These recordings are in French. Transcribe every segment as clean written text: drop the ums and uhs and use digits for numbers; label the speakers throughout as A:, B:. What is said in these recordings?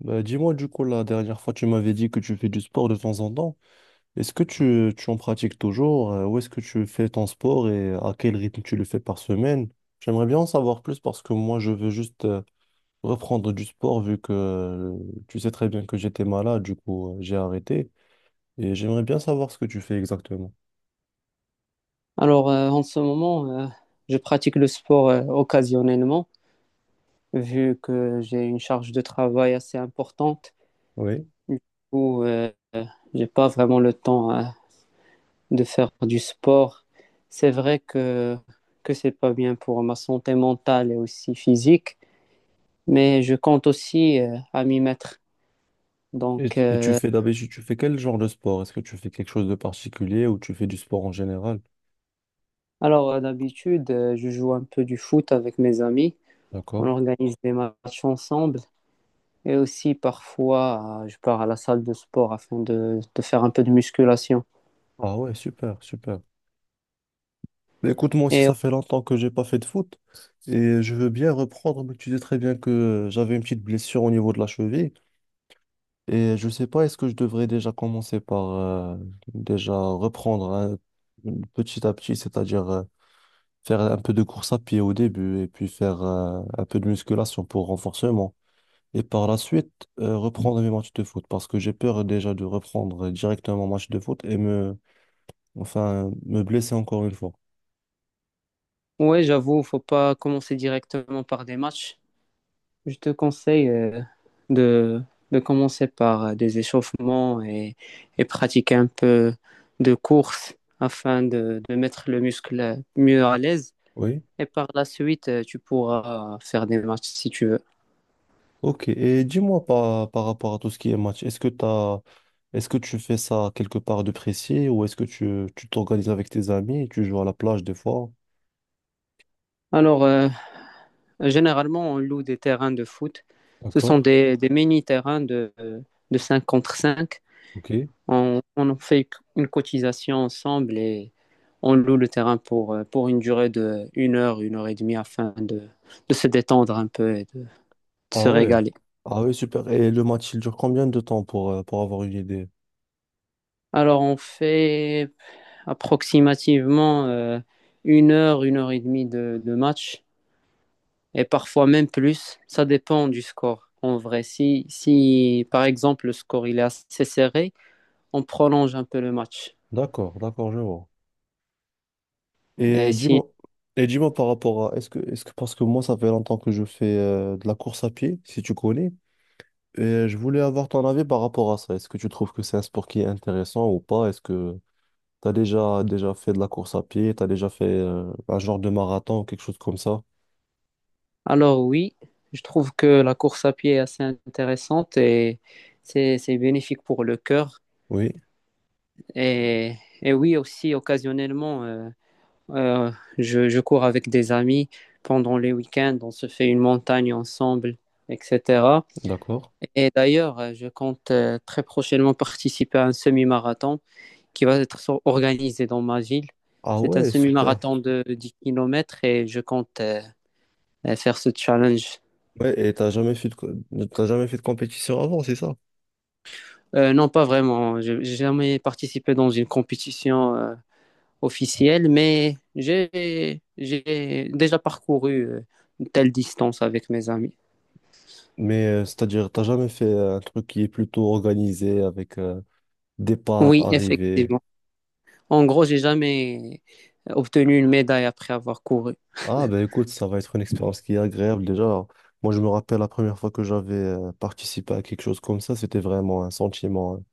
A: Bah, dis-moi du coup, la dernière fois, tu m'avais dit que tu fais du sport de temps en temps. Est-ce que tu en pratiques toujours? Où est-ce que tu fais ton sport et à quel rythme tu le fais par semaine? J'aimerais bien en savoir plus parce que moi, je veux juste reprendre du sport vu que tu sais très bien que j'étais malade, du coup, j'ai arrêté. Et j'aimerais bien savoir ce que tu fais exactement.
B: Alors, en ce moment, je pratique le sport occasionnellement, vu que j'ai une charge de travail assez importante.
A: Oui.
B: Du coup, j'ai pas vraiment le temps, de faire du sport. C'est vrai que c'est pas bien pour ma santé mentale et aussi physique, mais je compte aussi à m'y mettre.
A: Et,
B: Donc,
A: et tu
B: euh,
A: fais d'habitude, tu fais quel genre de sport? Est-ce que tu fais quelque chose de particulier ou tu fais du sport en général?
B: D'habitude, je joue un peu du foot avec mes amis. On
A: D'accord.
B: organise des matchs ensemble. Et aussi, parfois, je pars à la salle de sport afin de faire un peu de musculation.
A: Ah ouais, super, super. Mais écoute, moi aussi,
B: Et
A: ça fait longtemps que j'ai pas fait de foot et je veux bien reprendre, mais tu sais très bien que j'avais une petite blessure au niveau de la cheville et je sais pas, est-ce que je devrais déjà commencer par déjà reprendre, hein, petit à petit, c'est-à-dire faire un peu de course à pied au début et puis faire un peu de musculation pour renforcement et par la suite reprendre mes matchs de foot parce que j'ai peur déjà de reprendre directement un match de foot et me, enfin, me blesser encore une fois.
B: ouais, j'avoue, faut pas commencer directement par des matchs. Je te conseille de, de commencer par des échauffements et pratiquer un peu de course afin de mettre le muscle mieux à l'aise.
A: Oui.
B: Et par la suite, tu pourras faire des matchs si tu veux.
A: Ok, et dis-moi par rapport à tout ce qui est match, est-ce que tu fais ça quelque part de précis ou est-ce que tu t'organises avec tes amis et tu joues à la plage des fois?
B: Alors, euh, Généralement, on loue des terrains de foot. Ce sont
A: D'accord?
B: des mini-terrains de 5 contre 5.
A: Ok.
B: On en fait une cotisation ensemble et on loue le terrain pour une durée de une heure et demie afin de se détendre un peu et de se
A: Ah ouais.
B: régaler.
A: Ah ouais, super. Et le match, il dure combien de temps pour avoir une idée?
B: Alors, on fait approximativement une heure et demie de match et parfois même plus. Ça dépend du score. En vrai, si par exemple le score il est assez serré, on prolonge un peu le match.
A: D'accord, d'accord, je vois. Et
B: Et si...
A: dis-moi par rapport à, parce que moi, ça fait longtemps que je fais de la course à pied, si tu connais, et je voulais avoir ton avis par rapport à ça. Est-ce que tu trouves que c'est un sport qui est intéressant ou pas? Est-ce que T'as déjà fait de la course à pied, t'as déjà fait un genre de marathon ou quelque chose comme ça?
B: Alors oui, je trouve que la course à pied est assez intéressante et c'est bénéfique pour le cœur.
A: Oui,
B: Et, et oui, aussi, occasionnellement, euh, je cours avec des amis pendant les week-ends. On se fait une montagne ensemble, etc.
A: d'accord.
B: Et d'ailleurs, je compte très prochainement participer à un semi-marathon qui va être organisé dans ma ville.
A: Ah
B: C'est un
A: ouais, super.
B: semi-marathon de 10 kilomètres et je compte faire ce challenge.
A: Ouais, et t'as jamais fait de compétition avant, c'est ça?
B: Non, pas vraiment. J'ai jamais participé dans une compétition officielle, mais j'ai déjà parcouru une telle distance avec mes amis.
A: Mais c'est-à-dire, t'as jamais fait un truc qui est plutôt organisé avec départ,
B: Oui,
A: arrivée.
B: effectivement. En gros, j'ai jamais obtenu une médaille après avoir couru.
A: Ah ben écoute, ça va être une expérience qui est agréable déjà. Moi, je me rappelle la première fois que j'avais participé à quelque chose comme ça, c'était vraiment un sentiment, hein.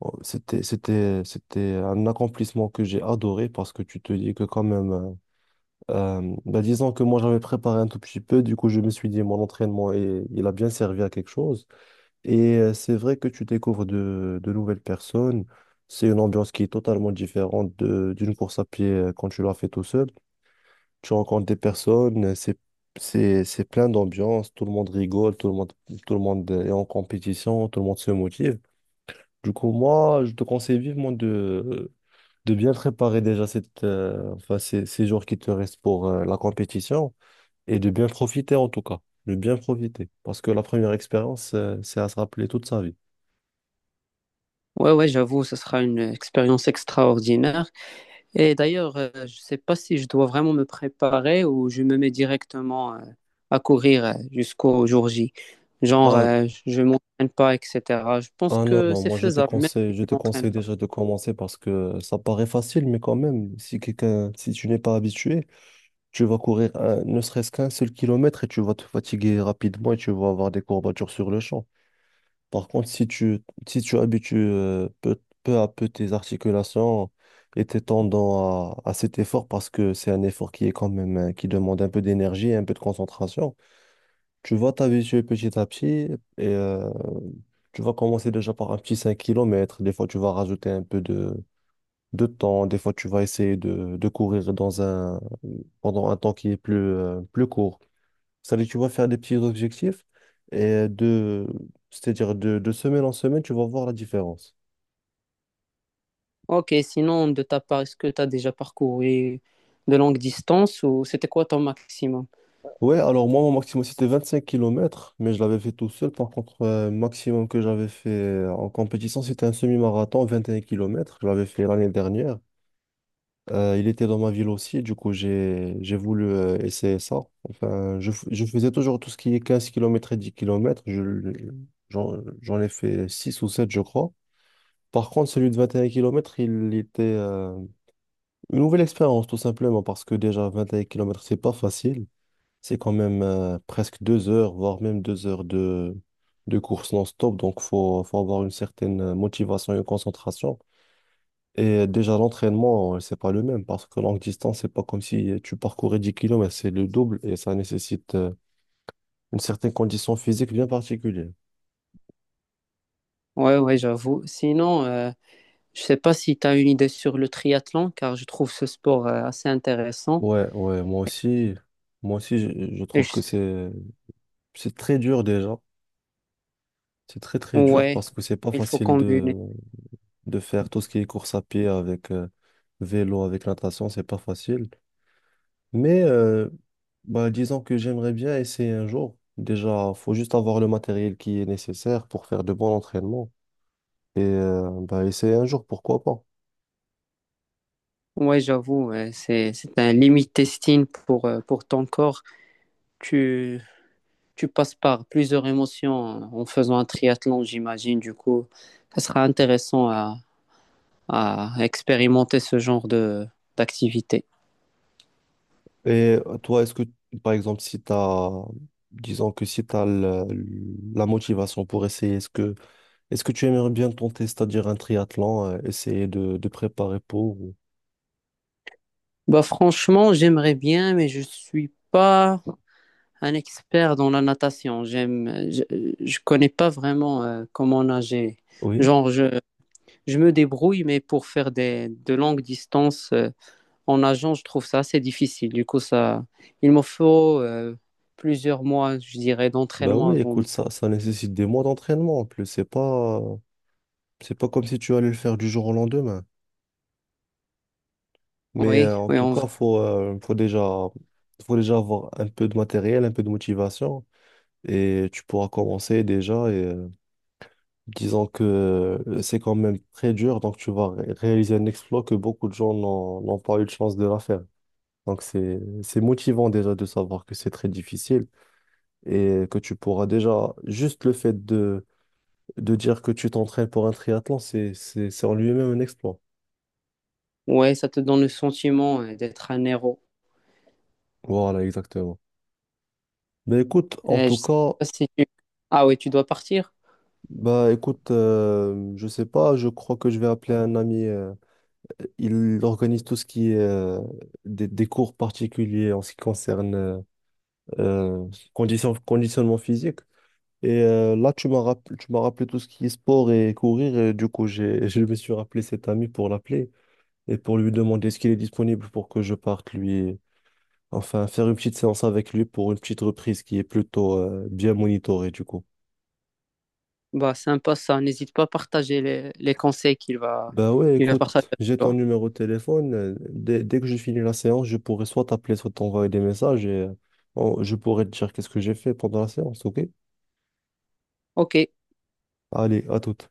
A: Oh, c'était un accomplissement que j'ai adoré parce que tu te dis que quand même, bah, disons que moi j'avais préparé un tout petit peu, du coup je me suis dit mon entraînement et il a bien servi à quelque chose. Et c'est vrai que tu découvres de nouvelles personnes, c'est une ambiance qui est totalement différente d'une course à pied quand tu l'as fait tout seul. Tu rencontres des personnes, c'est plein d'ambiance, tout le monde rigole, tout le monde est en compétition, tout le monde se motive. Du coup, moi, je te conseille vivement de bien préparer déjà enfin, ces jours qui te restent pour la compétition et de bien profiter en tout cas, de bien profiter. Parce que la première expérience, c'est à se rappeler toute sa vie.
B: Ouais, ouais, j'avoue, ce sera une expérience extraordinaire. Et d'ailleurs, je ne sais pas si je dois vraiment me préparer ou je me mets directement à courir jusqu'au jour J. Genre,
A: Ah,
B: je ne m'entraîne pas, etc. Je pense
A: ah, non,
B: que
A: non,
B: c'est
A: moi je te
B: faisable, même
A: conseille,
B: si
A: je
B: je ne
A: te
B: m'entraîne
A: conseille
B: pas.
A: déjà de commencer parce que ça paraît facile, mais quand même, si tu n'es pas habitué, tu vas courir ne serait-ce qu'un seul kilomètre et tu vas te fatiguer rapidement et tu vas avoir des courbatures sur le champ. Par contre, si tu habitues peu à peu tes articulations et tes tendons à cet effort, parce que c'est un effort qui est quand même, qui demande un peu d'énergie et un peu de concentration, tu vas t'habituer petit à petit et euh, tu vas commencer déjà par un petit 5 kilomètres. Des fois, tu vas rajouter un peu de temps. Des fois, tu vas essayer de courir pendant un temps qui est plus court. Ça veut dire tu vas faire des petits objectifs et de, c'est-à-dire de semaine en semaine, tu vas voir la différence.
B: Ok, sinon, de ta part, est-ce que tu as déjà parcouru de longues distances ou c'était quoi ton maximum?
A: Ouais, alors moi, mon maximum, c'était 25 kilomètres mais je l'avais fait tout seul. Par contre, maximum que j'avais fait en compétition, c'était un semi-marathon, 21 kilomètres. Je l'avais fait l'année dernière. Il était dans ma ville aussi, du coup, j'ai voulu essayer ça. Enfin, je faisais toujours tout ce qui est 15 kilomètres et 10 kilomètres. J'en ai fait 6 ou 7 je crois. Par contre, celui de 21 kilomètres, une nouvelle expérience, tout simplement, parce que déjà 21 kilomètres c'est pas facile. C'est quand même presque 2 heures, voire même 2 heures de course non-stop. Donc, faut avoir une certaine motivation et une concentration. Et déjà, l'entraînement, c'est pas le même, parce que longue distance, c'est pas comme si tu parcourais 10 kilomètres, c'est le double et ça nécessite une certaine condition physique bien particulière.
B: Ouais, ouais, j'avoue. Sinon, je ne sais pas si tu as une idée sur le triathlon, car je trouve ce sport assez intéressant.
A: Ouais, ouais, moi aussi, je
B: Et
A: trouve
B: je-
A: que c'est, très dur déjà. C'est très, très dur
B: Ouais,
A: parce que c'est pas
B: il faut
A: facile de
B: combiner.
A: faire tout ce qui est course à pied avec vélo, avec natation, c'est pas facile. Mais bah, disons que j'aimerais bien essayer un jour. Déjà, faut juste avoir le matériel qui est nécessaire pour faire de bons entraînements. Et bah, essayer un jour, pourquoi pas.
B: Ouais, j'avoue, c'est un limit testing pour ton corps. Tu, tu passes par plusieurs émotions en faisant un triathlon, j'imagine. Du coup, ça sera intéressant à expérimenter ce genre d'activité.
A: Et toi, est-ce que, par exemple, si tu as, disons que si tu as la motivation pour essayer, est-ce que tu aimerais bien tenter, c'est-à-dire un triathlon, essayer de préparer pour...
B: Bah, franchement, j'aimerais bien, mais je suis pas un expert dans la natation. Je connais pas vraiment comment nager.
A: Oui.
B: Genre, je me débrouille, mais pour faire de longues distances. En agent, je trouve ça assez difficile. Du coup, ça, il me faut plusieurs mois, je dirais,
A: Bah
B: d'entraînement
A: oui,
B: avant.
A: écoute, ça nécessite des mois d'entraînement en plus. C'est pas comme si tu allais le faire du jour au lendemain. Mais
B: Oui,
A: en
B: oui,
A: tout cas, faut déjà avoir un peu de matériel, un peu de motivation. Et tu pourras commencer déjà. Et disons que c'est quand même très dur, donc tu vas réaliser un exploit que beaucoup de gens n'ont pas eu de chance de la faire. Donc c'est motivant déjà de savoir que c'est très difficile et que tu pourras déjà, juste le fait de dire que tu t'entraînes pour un triathlon, c'est en lui-même un exploit.
B: ouais, ça te donne le sentiment d'être un héros.
A: Voilà, exactement. Ben écoute, en tout
B: Je sais
A: cas,
B: pas si Ah oui, tu dois partir?
A: Bah écoute, je sais pas, je crois que je vais appeler un ami. Il organise tout ce qui est des cours particuliers en ce qui concerne euh, conditionnement physique. Et là, tu m'as rappelé tout ce qui est sport et courir. Et du coup, je me suis rappelé cet ami pour l'appeler et pour lui demander ce qu'il est disponible pour que je parte lui, enfin, faire une petite séance avec lui pour une petite reprise qui est plutôt bien monitorée, du coup.
B: Bah, sympa ça. N'hésite pas à partager les conseils qu'il va,
A: Bah ouais,
B: il va partager
A: écoute,
B: avec
A: j'ai ton
B: toi.
A: numéro de téléphone. Dès que je finis la séance, je pourrai soit t'appeler, soit t'envoyer des messages et je pourrai te dire qu'est-ce que j'ai fait pendant la séance, ok?
B: Ok.
A: Allez, à toute.